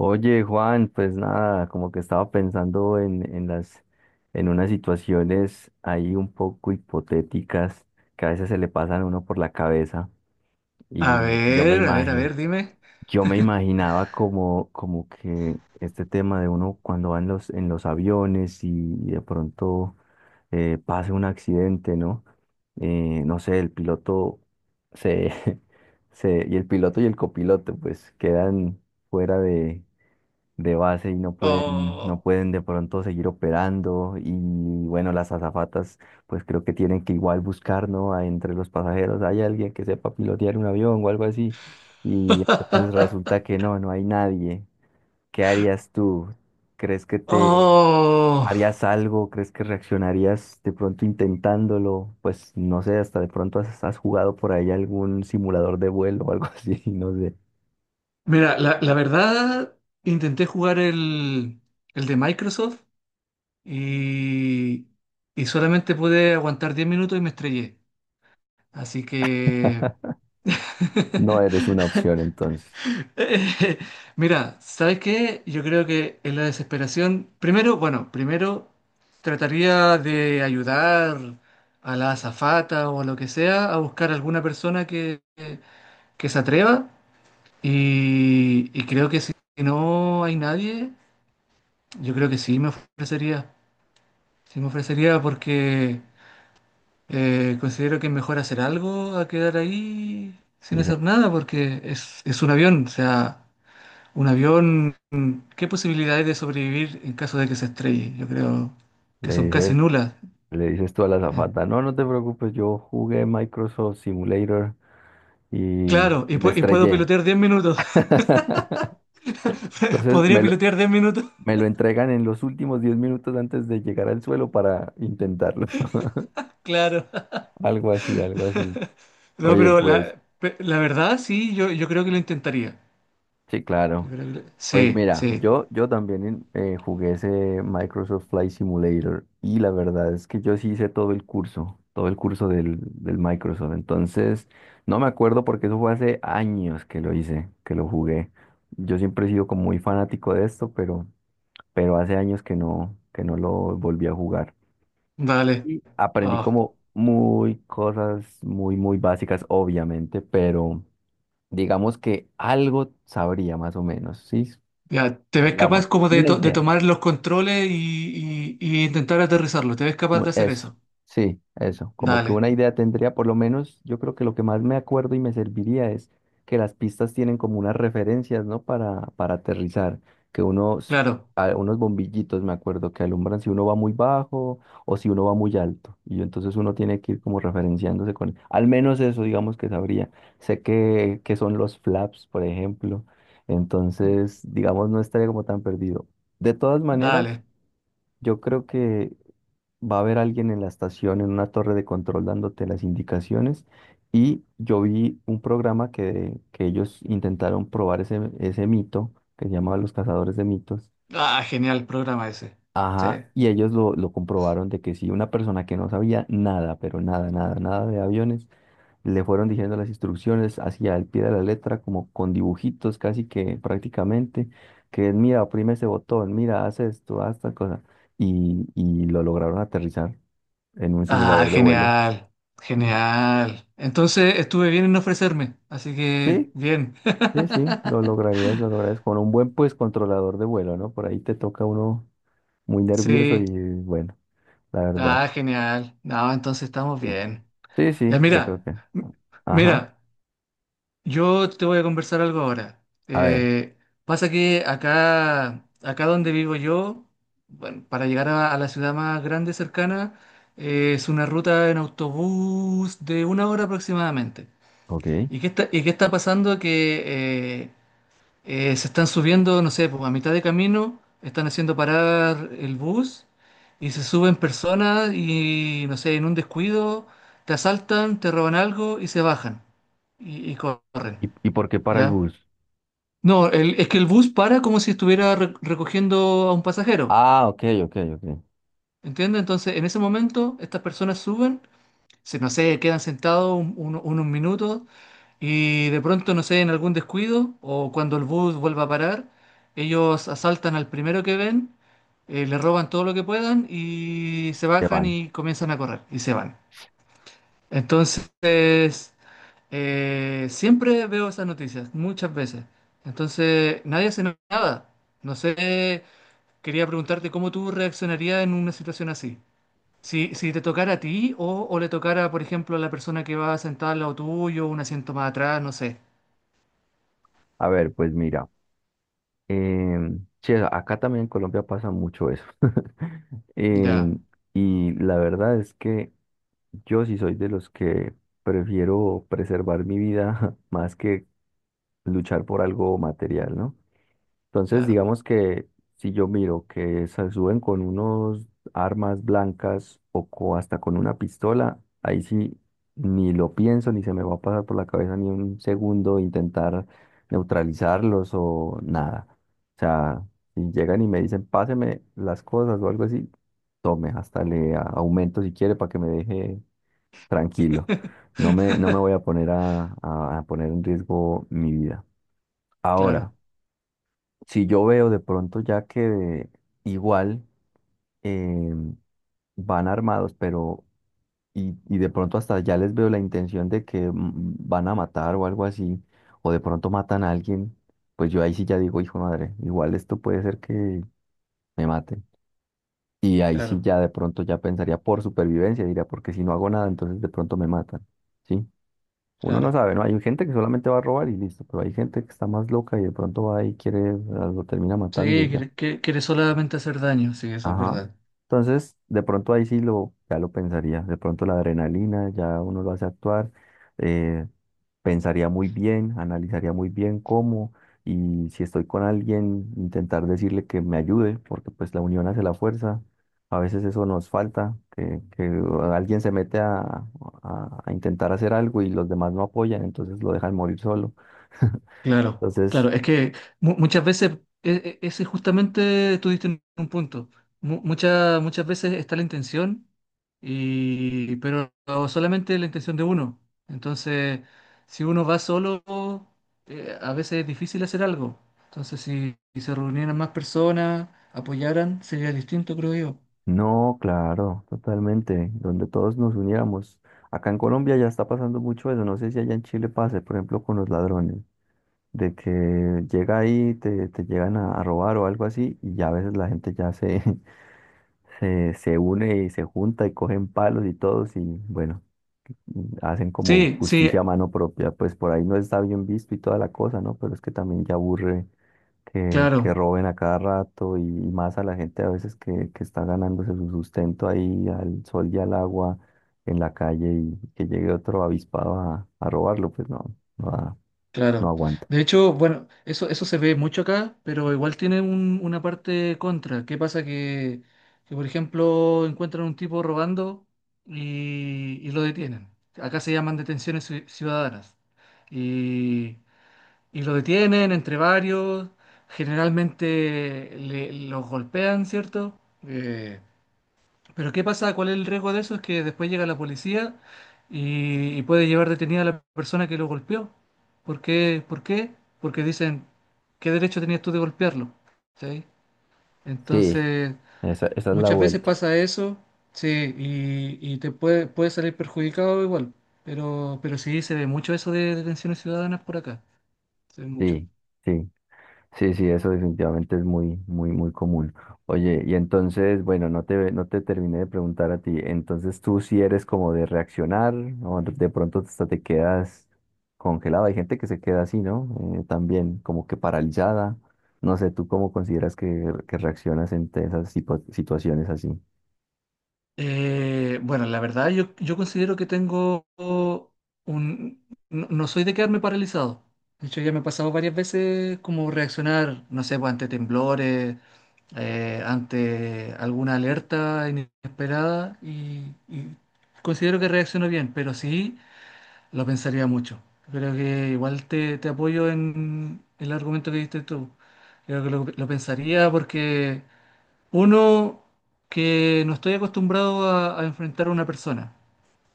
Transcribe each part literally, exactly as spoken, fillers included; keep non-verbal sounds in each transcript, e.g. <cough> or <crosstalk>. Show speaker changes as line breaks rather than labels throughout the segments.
Oye, Juan, pues nada, como que estaba pensando en, en las, en unas situaciones ahí un poco hipotéticas que a veces se le pasan a uno por la cabeza
A
y yo me
ver, a ver, a
imagino,
ver, dime.
yo me imaginaba como, como que este tema de uno cuando va en los, en los aviones y, de pronto eh, pase un accidente, ¿no? Eh, no sé, el piloto se, <laughs> se, y el piloto y el copiloto pues quedan fuera de base y no pueden, no
Oh.
pueden de pronto seguir operando. Y bueno, las azafatas, pues creo que tienen que igual buscar, ¿no? A- Entre los pasajeros hay alguien que sepa pilotear un avión o algo así. Y entonces
<laughs>
resulta que no, no hay nadie. ¿Qué harías tú? ¿Crees que te
Oh.
harías algo? ¿Crees que reaccionarías de pronto intentándolo? Pues no sé, hasta de pronto has, has jugado por ahí algún simulador de vuelo o algo así, <laughs> no sé.
Mira, la, la verdad, intenté jugar el, el de Microsoft y, y solamente pude aguantar diez minutos y me estrellé. Así que
No eres
<laughs>
una opción entonces.
Eh, <laughs> Mira, ¿sabes qué? Yo creo que en la desesperación, primero, bueno, primero trataría de ayudar a la azafata o a lo que sea a buscar alguna persona que, que se atreva y, y creo que si no hay nadie, yo creo que sí me ofrecería, sí me ofrecería porque eh, considero que es mejor hacer algo a quedar ahí sin
Y le,
hacer nada porque es, es un avión, o sea... Un avión, ¿qué posibilidades de sobrevivir en caso de que se estrelle? Yo creo que
le
son casi
dices
nulas.
Le dices tú a la
Eh,
azafata, no, no te preocupes, yo jugué Microsoft Simulator y,
Claro, y,
y me
pu- y puedo
estrellé.
pilotear diez minutos.
<laughs>
<laughs>
Entonces
¿Podría
me lo,
pilotear diez minutos?
me
<laughs>
lo entregan en los últimos diez minutos antes de llegar al suelo para intentarlo. <laughs>
Claro.
Algo así, algo así.
No,
Oye,
pero
pues,
la, pe- la verdad sí, yo, yo creo que lo intentaría.
sí,
Yo
claro.
creo que lo-
Pues
Sí,
mira,
sí.
yo, yo también eh, jugué ese Microsoft Flight Simulator y la verdad es que yo sí hice todo el curso, todo el curso del, del Microsoft. Entonces, no me acuerdo porque eso fue hace años que lo hice, que lo jugué. Yo siempre he sido como muy fanático de esto, pero, pero hace años que no, que no lo volví a jugar.
Vale.
Y aprendí
Oh,
como muy cosas muy, muy básicas, obviamente, pero digamos que algo sabría más o menos, ¿sí?
ya, ¿te ves capaz
Digamos,
como de,
una
to- de
idea.
tomar los controles y, y- y intentar aterrizarlo? ¿Te ves capaz
u-
de hacer
Eso,
eso?
sí, eso. Como que
Dale,
una idea tendría, por lo menos, yo creo que lo que más me acuerdo y me serviría es que las pistas tienen como unas referencias, ¿no? Para, para aterrizar, que unos,
claro.
a- unos bombillitos, me acuerdo, que alumbran si uno va muy bajo o si uno va muy alto. Y entonces uno tiene que ir como referenciándose con, al menos eso, digamos que sabría. Sé que, que son los flaps, por ejemplo. Entonces, digamos, no estaría como tan perdido. De todas maneras,
Dale.
yo creo que va a haber alguien en la estación, en una torre de control dándote las indicaciones. Y yo vi un programa que, que ellos intentaron probar ese, ese mito, que se llamaba Los Cazadores de Mitos.
Ah, genial programa ese. Sí.
Ajá, y ellos lo, lo comprobaron de que si una persona que no sabía nada, pero nada, nada, nada de aviones, le fueron diciendo las instrucciones hacia el pie de la letra, como con dibujitos casi que prácticamente, que mira, oprime ese botón, mira, haz esto, haz tal cosa, y, y lo lograron aterrizar en un
Ah,
simulador de vuelo.
genial,
Ujú.
genial. Entonces estuve bien en no ofrecerme, así que
Sí,
bien.
sí, sí, lo
<laughs>
lograrías, lo lograrías con un buen pues controlador de vuelo, ¿no? Por ahí te toca uno muy nervioso
Sí,
y bueno, la verdad.
ah, genial. No, entonces estamos
Sí,
bien.
sí,
Ya,
sí, yo creo
mira,
que.
m-
Ajá.
mira, yo te voy a conversar algo ahora.
A ver,
Eh, pasa que acá, acá donde vivo yo, bueno, para llegar a, a la ciudad más grande cercana, eh, es una ruta en autobús de una hora aproximadamente.
ok.
¿Y qué está, y qué está pasando? Que eh, Eh, se están subiendo, no sé, pues, a mitad de camino, están haciendo parar el bus y se suben personas y, no sé, en un descuido te asaltan, te roban algo y se bajan y, y corren,
¿Y, y por qué para el
¿ya?
bus?
No, el- es que el bus para como si estuviera re- recogiendo a un pasajero,
Ah, ok, ok, ok.
¿entiendes? Entonces, en ese momento, estas personas suben se- no sé, quedan sentados un- un- unos minutos y de pronto, no sé, en algún descuido o cuando el bus vuelva a parar, ellos asaltan al primero que ven, eh, le roban todo lo que puedan y se
Te
bajan
van.
y comienzan a correr y se van. Entonces, eh, siempre veo esas noticias, muchas veces. Entonces, nadie hace nada. No sé, quería preguntarte cómo tú reaccionarías en una situación así. Si, si te tocara a ti o, o le tocara, por ejemplo, a la persona que va sentada al lado tuyo, un asiento más atrás, no sé.
A ver, pues mira. em, sí, acá también en Colombia pasa mucho eso. <laughs>
Ya,
Em, y la verdad es que yo sí soy de los que prefiero preservar mi vida <laughs> más que luchar por algo material, ¿no? Entonces,
claro.
digamos que si yo miro que se suben con unos armas blancas o co- hasta con una pistola, ahí sí ni lo pienso, ni se me va a pasar por la cabeza ni un segundo intentar neutralizarlos o nada. O sea, si llegan y me dicen, páseme las cosas o algo así, tome, hasta le a- aumento si quiere para que me deje tranquilo. No me, no me
<laughs>
voy a poner a, a- a poner en riesgo mi vida.
Claro,
Ahora, si yo veo de pronto ya que igual eh, van armados, pero y, y de pronto hasta ya les veo la intención de que mm, van a matar o algo así, o de pronto matan a alguien, pues yo ahí sí ya digo, hijo de madre, igual esto puede ser que me maten. Y ahí sí
claro,
ya de pronto ya pensaría por supervivencia, diría, porque si no hago nada, entonces de pronto me matan. ¿Sí? Uno no
claro.
sabe, ¿no? Hay gente que solamente va a robar y listo, pero hay gente que está más loca y de pronto va y quiere, lo termina
Sí,
matando y ya.
quiere, quiere- quiere solamente hacer daño, sí, eso es
Ajá.
verdad.
Entonces, de pronto ahí sí lo, ya lo pensaría. De pronto la adrenalina ya uno lo hace actuar. eh, Pensaría muy bien, analizaría muy bien cómo y si estoy con alguien, intentar decirle que me ayude, porque pues la unión hace la fuerza. A veces eso nos falta, que, que alguien se mete a, a a intentar hacer algo y los demás no apoyan, entonces lo dejan morir solo.
Claro,
Entonces...
claro, es que mu- muchas veces, e- e- ese justamente tú diste en un punto. Mu- muchas muchas veces está la intención, y, pero solamente la intención de uno. Entonces, si uno va solo, eh, a veces es difícil hacer algo. Entonces, si, si se reunieran más personas, apoyaran, sería distinto, creo yo.
No, claro, totalmente, donde todos nos uniéramos. Acá en Colombia ya está pasando mucho eso, no sé si allá en Chile pase, por ejemplo, con los ladrones, de que llega ahí, te, te llegan a, a robar o algo así, y ya a veces la gente ya se, <laughs> se, se une y se junta y cogen palos y todos y bueno, hacen como
Sí, sí,
justicia a mano propia, pues por ahí no está bien visto y toda la cosa, ¿no? Pero es que también ya aburre que, que
claro.
roben a cada rato y, y más a la gente a veces que, que está ganándose su sustento ahí al sol y al agua en la calle y que llegue otro avispado a, a robarlo, pues no, no, da- no
Claro.
aguanta.
De hecho, bueno, eso, eso se ve mucho acá, pero igual tiene un- una parte contra. ¿Qué pasa? Que, que, por ejemplo, encuentran un tipo robando y, y lo detienen. Acá se llaman detenciones ci- ciudadanas. Y, y lo detienen entre varios. Generalmente le- los golpean, ¿cierto? Eh, pero ¿qué pasa? ¿Cuál es el riesgo de eso? Es que después llega la policía y, y puede llevar detenida a la persona que lo golpeó. ¿Por qué? ¿Por qué? Porque dicen, ¿qué derecho tenías tú de golpearlo? ¿Sí?
Sí,
Entonces,
esa, esa es la
muchas veces
vuelta.
pasa eso, sí, y, y te puede, puede salir perjudicado igual. Pero, pero sí, se ve mucho eso de detenciones ciudadanas por acá. Se ve mucho.
Sí, sí. Sí, sí, eso definitivamente es muy, muy, muy común. Oye, y entonces, bueno, no te, no te terminé de preguntar a ti. Entonces, tú si eres como de reaccionar o de pronto hasta te quedas congelado. Hay gente que se queda así, ¿no? Eh, también como que paralizada. No sé, ¿tú cómo consideras que, que reaccionas en esas sipo- situaciones así?
Eh, bueno, la verdad yo, yo considero que tengo un... No, no soy de quedarme paralizado. De hecho, ya me ha pasado varias veces como reaccionar, no sé, pues, ante temblores, eh, ante alguna alerta inesperada y, y considero que reacciono bien, pero sí lo pensaría mucho. Creo que igual te, te apoyo en el argumento que diste tú. Creo que lo, lo pensaría porque... Uno, que no estoy acostumbrado a, a enfrentar a una persona,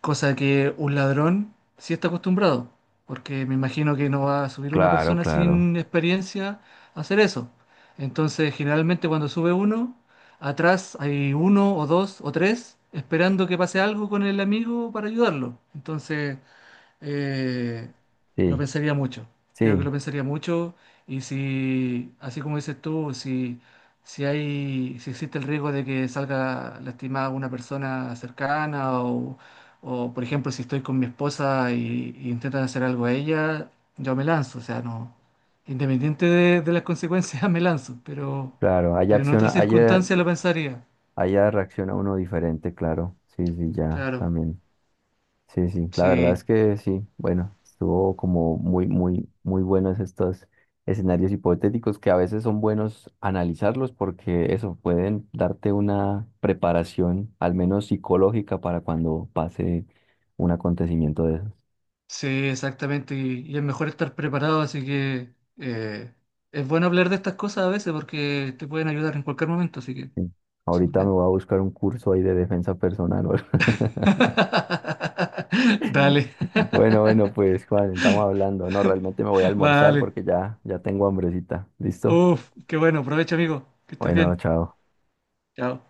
cosa que un ladrón sí está acostumbrado, porque me imagino que no va a subir una
Claro,
persona
claro.
sin experiencia a hacer eso. Entonces, generalmente cuando sube uno, atrás hay uno o dos o tres esperando que pase algo con el amigo para ayudarlo. Entonces, eh, lo
Sí,
pensaría mucho. Creo que
sí,
lo pensaría mucho y si, así como dices tú, si, si hay, si existe el riesgo de que salga lastimada una persona cercana o, o, por ejemplo, si estoy con mi esposa y, y intentan hacer algo a ella, yo me lanzo. O sea, no, independiente de, de las consecuencias, <laughs> me lanzo, pero,
claro. Allá
pero en
acciona,
otras
allá,
circunstancias lo pensaría.
allá reacciona uno diferente, claro. Sí, sí, ya,
Claro,
también. Sí, sí, la verdad
sí.
es que sí, bueno, estuvo como muy, muy, muy buenos estos escenarios hipotéticos que a veces son buenos analizarlos porque eso pueden darte una preparación, al menos psicológica, para cuando pase un acontecimiento de esos.
Sí, exactamente. Y, y es mejor estar preparado, así que eh, es bueno hablar de estas cosas a veces porque te pueden ayudar en cualquier momento, así que
Sí.
súper
Ahorita me
bien.
voy a buscar un curso ahí de defensa personal. O algo. <laughs>
<laughs> Dale. <laughs>
Bueno, bueno, pues Juan, estamos hablando. No, realmente me voy a almorzar
Vale.
porque ya, ya tengo hambrecita. ¿Listo?
Uf, qué bueno. Aprovecha, amigo. Que estés
Bueno,
bien.
chao.
Chao.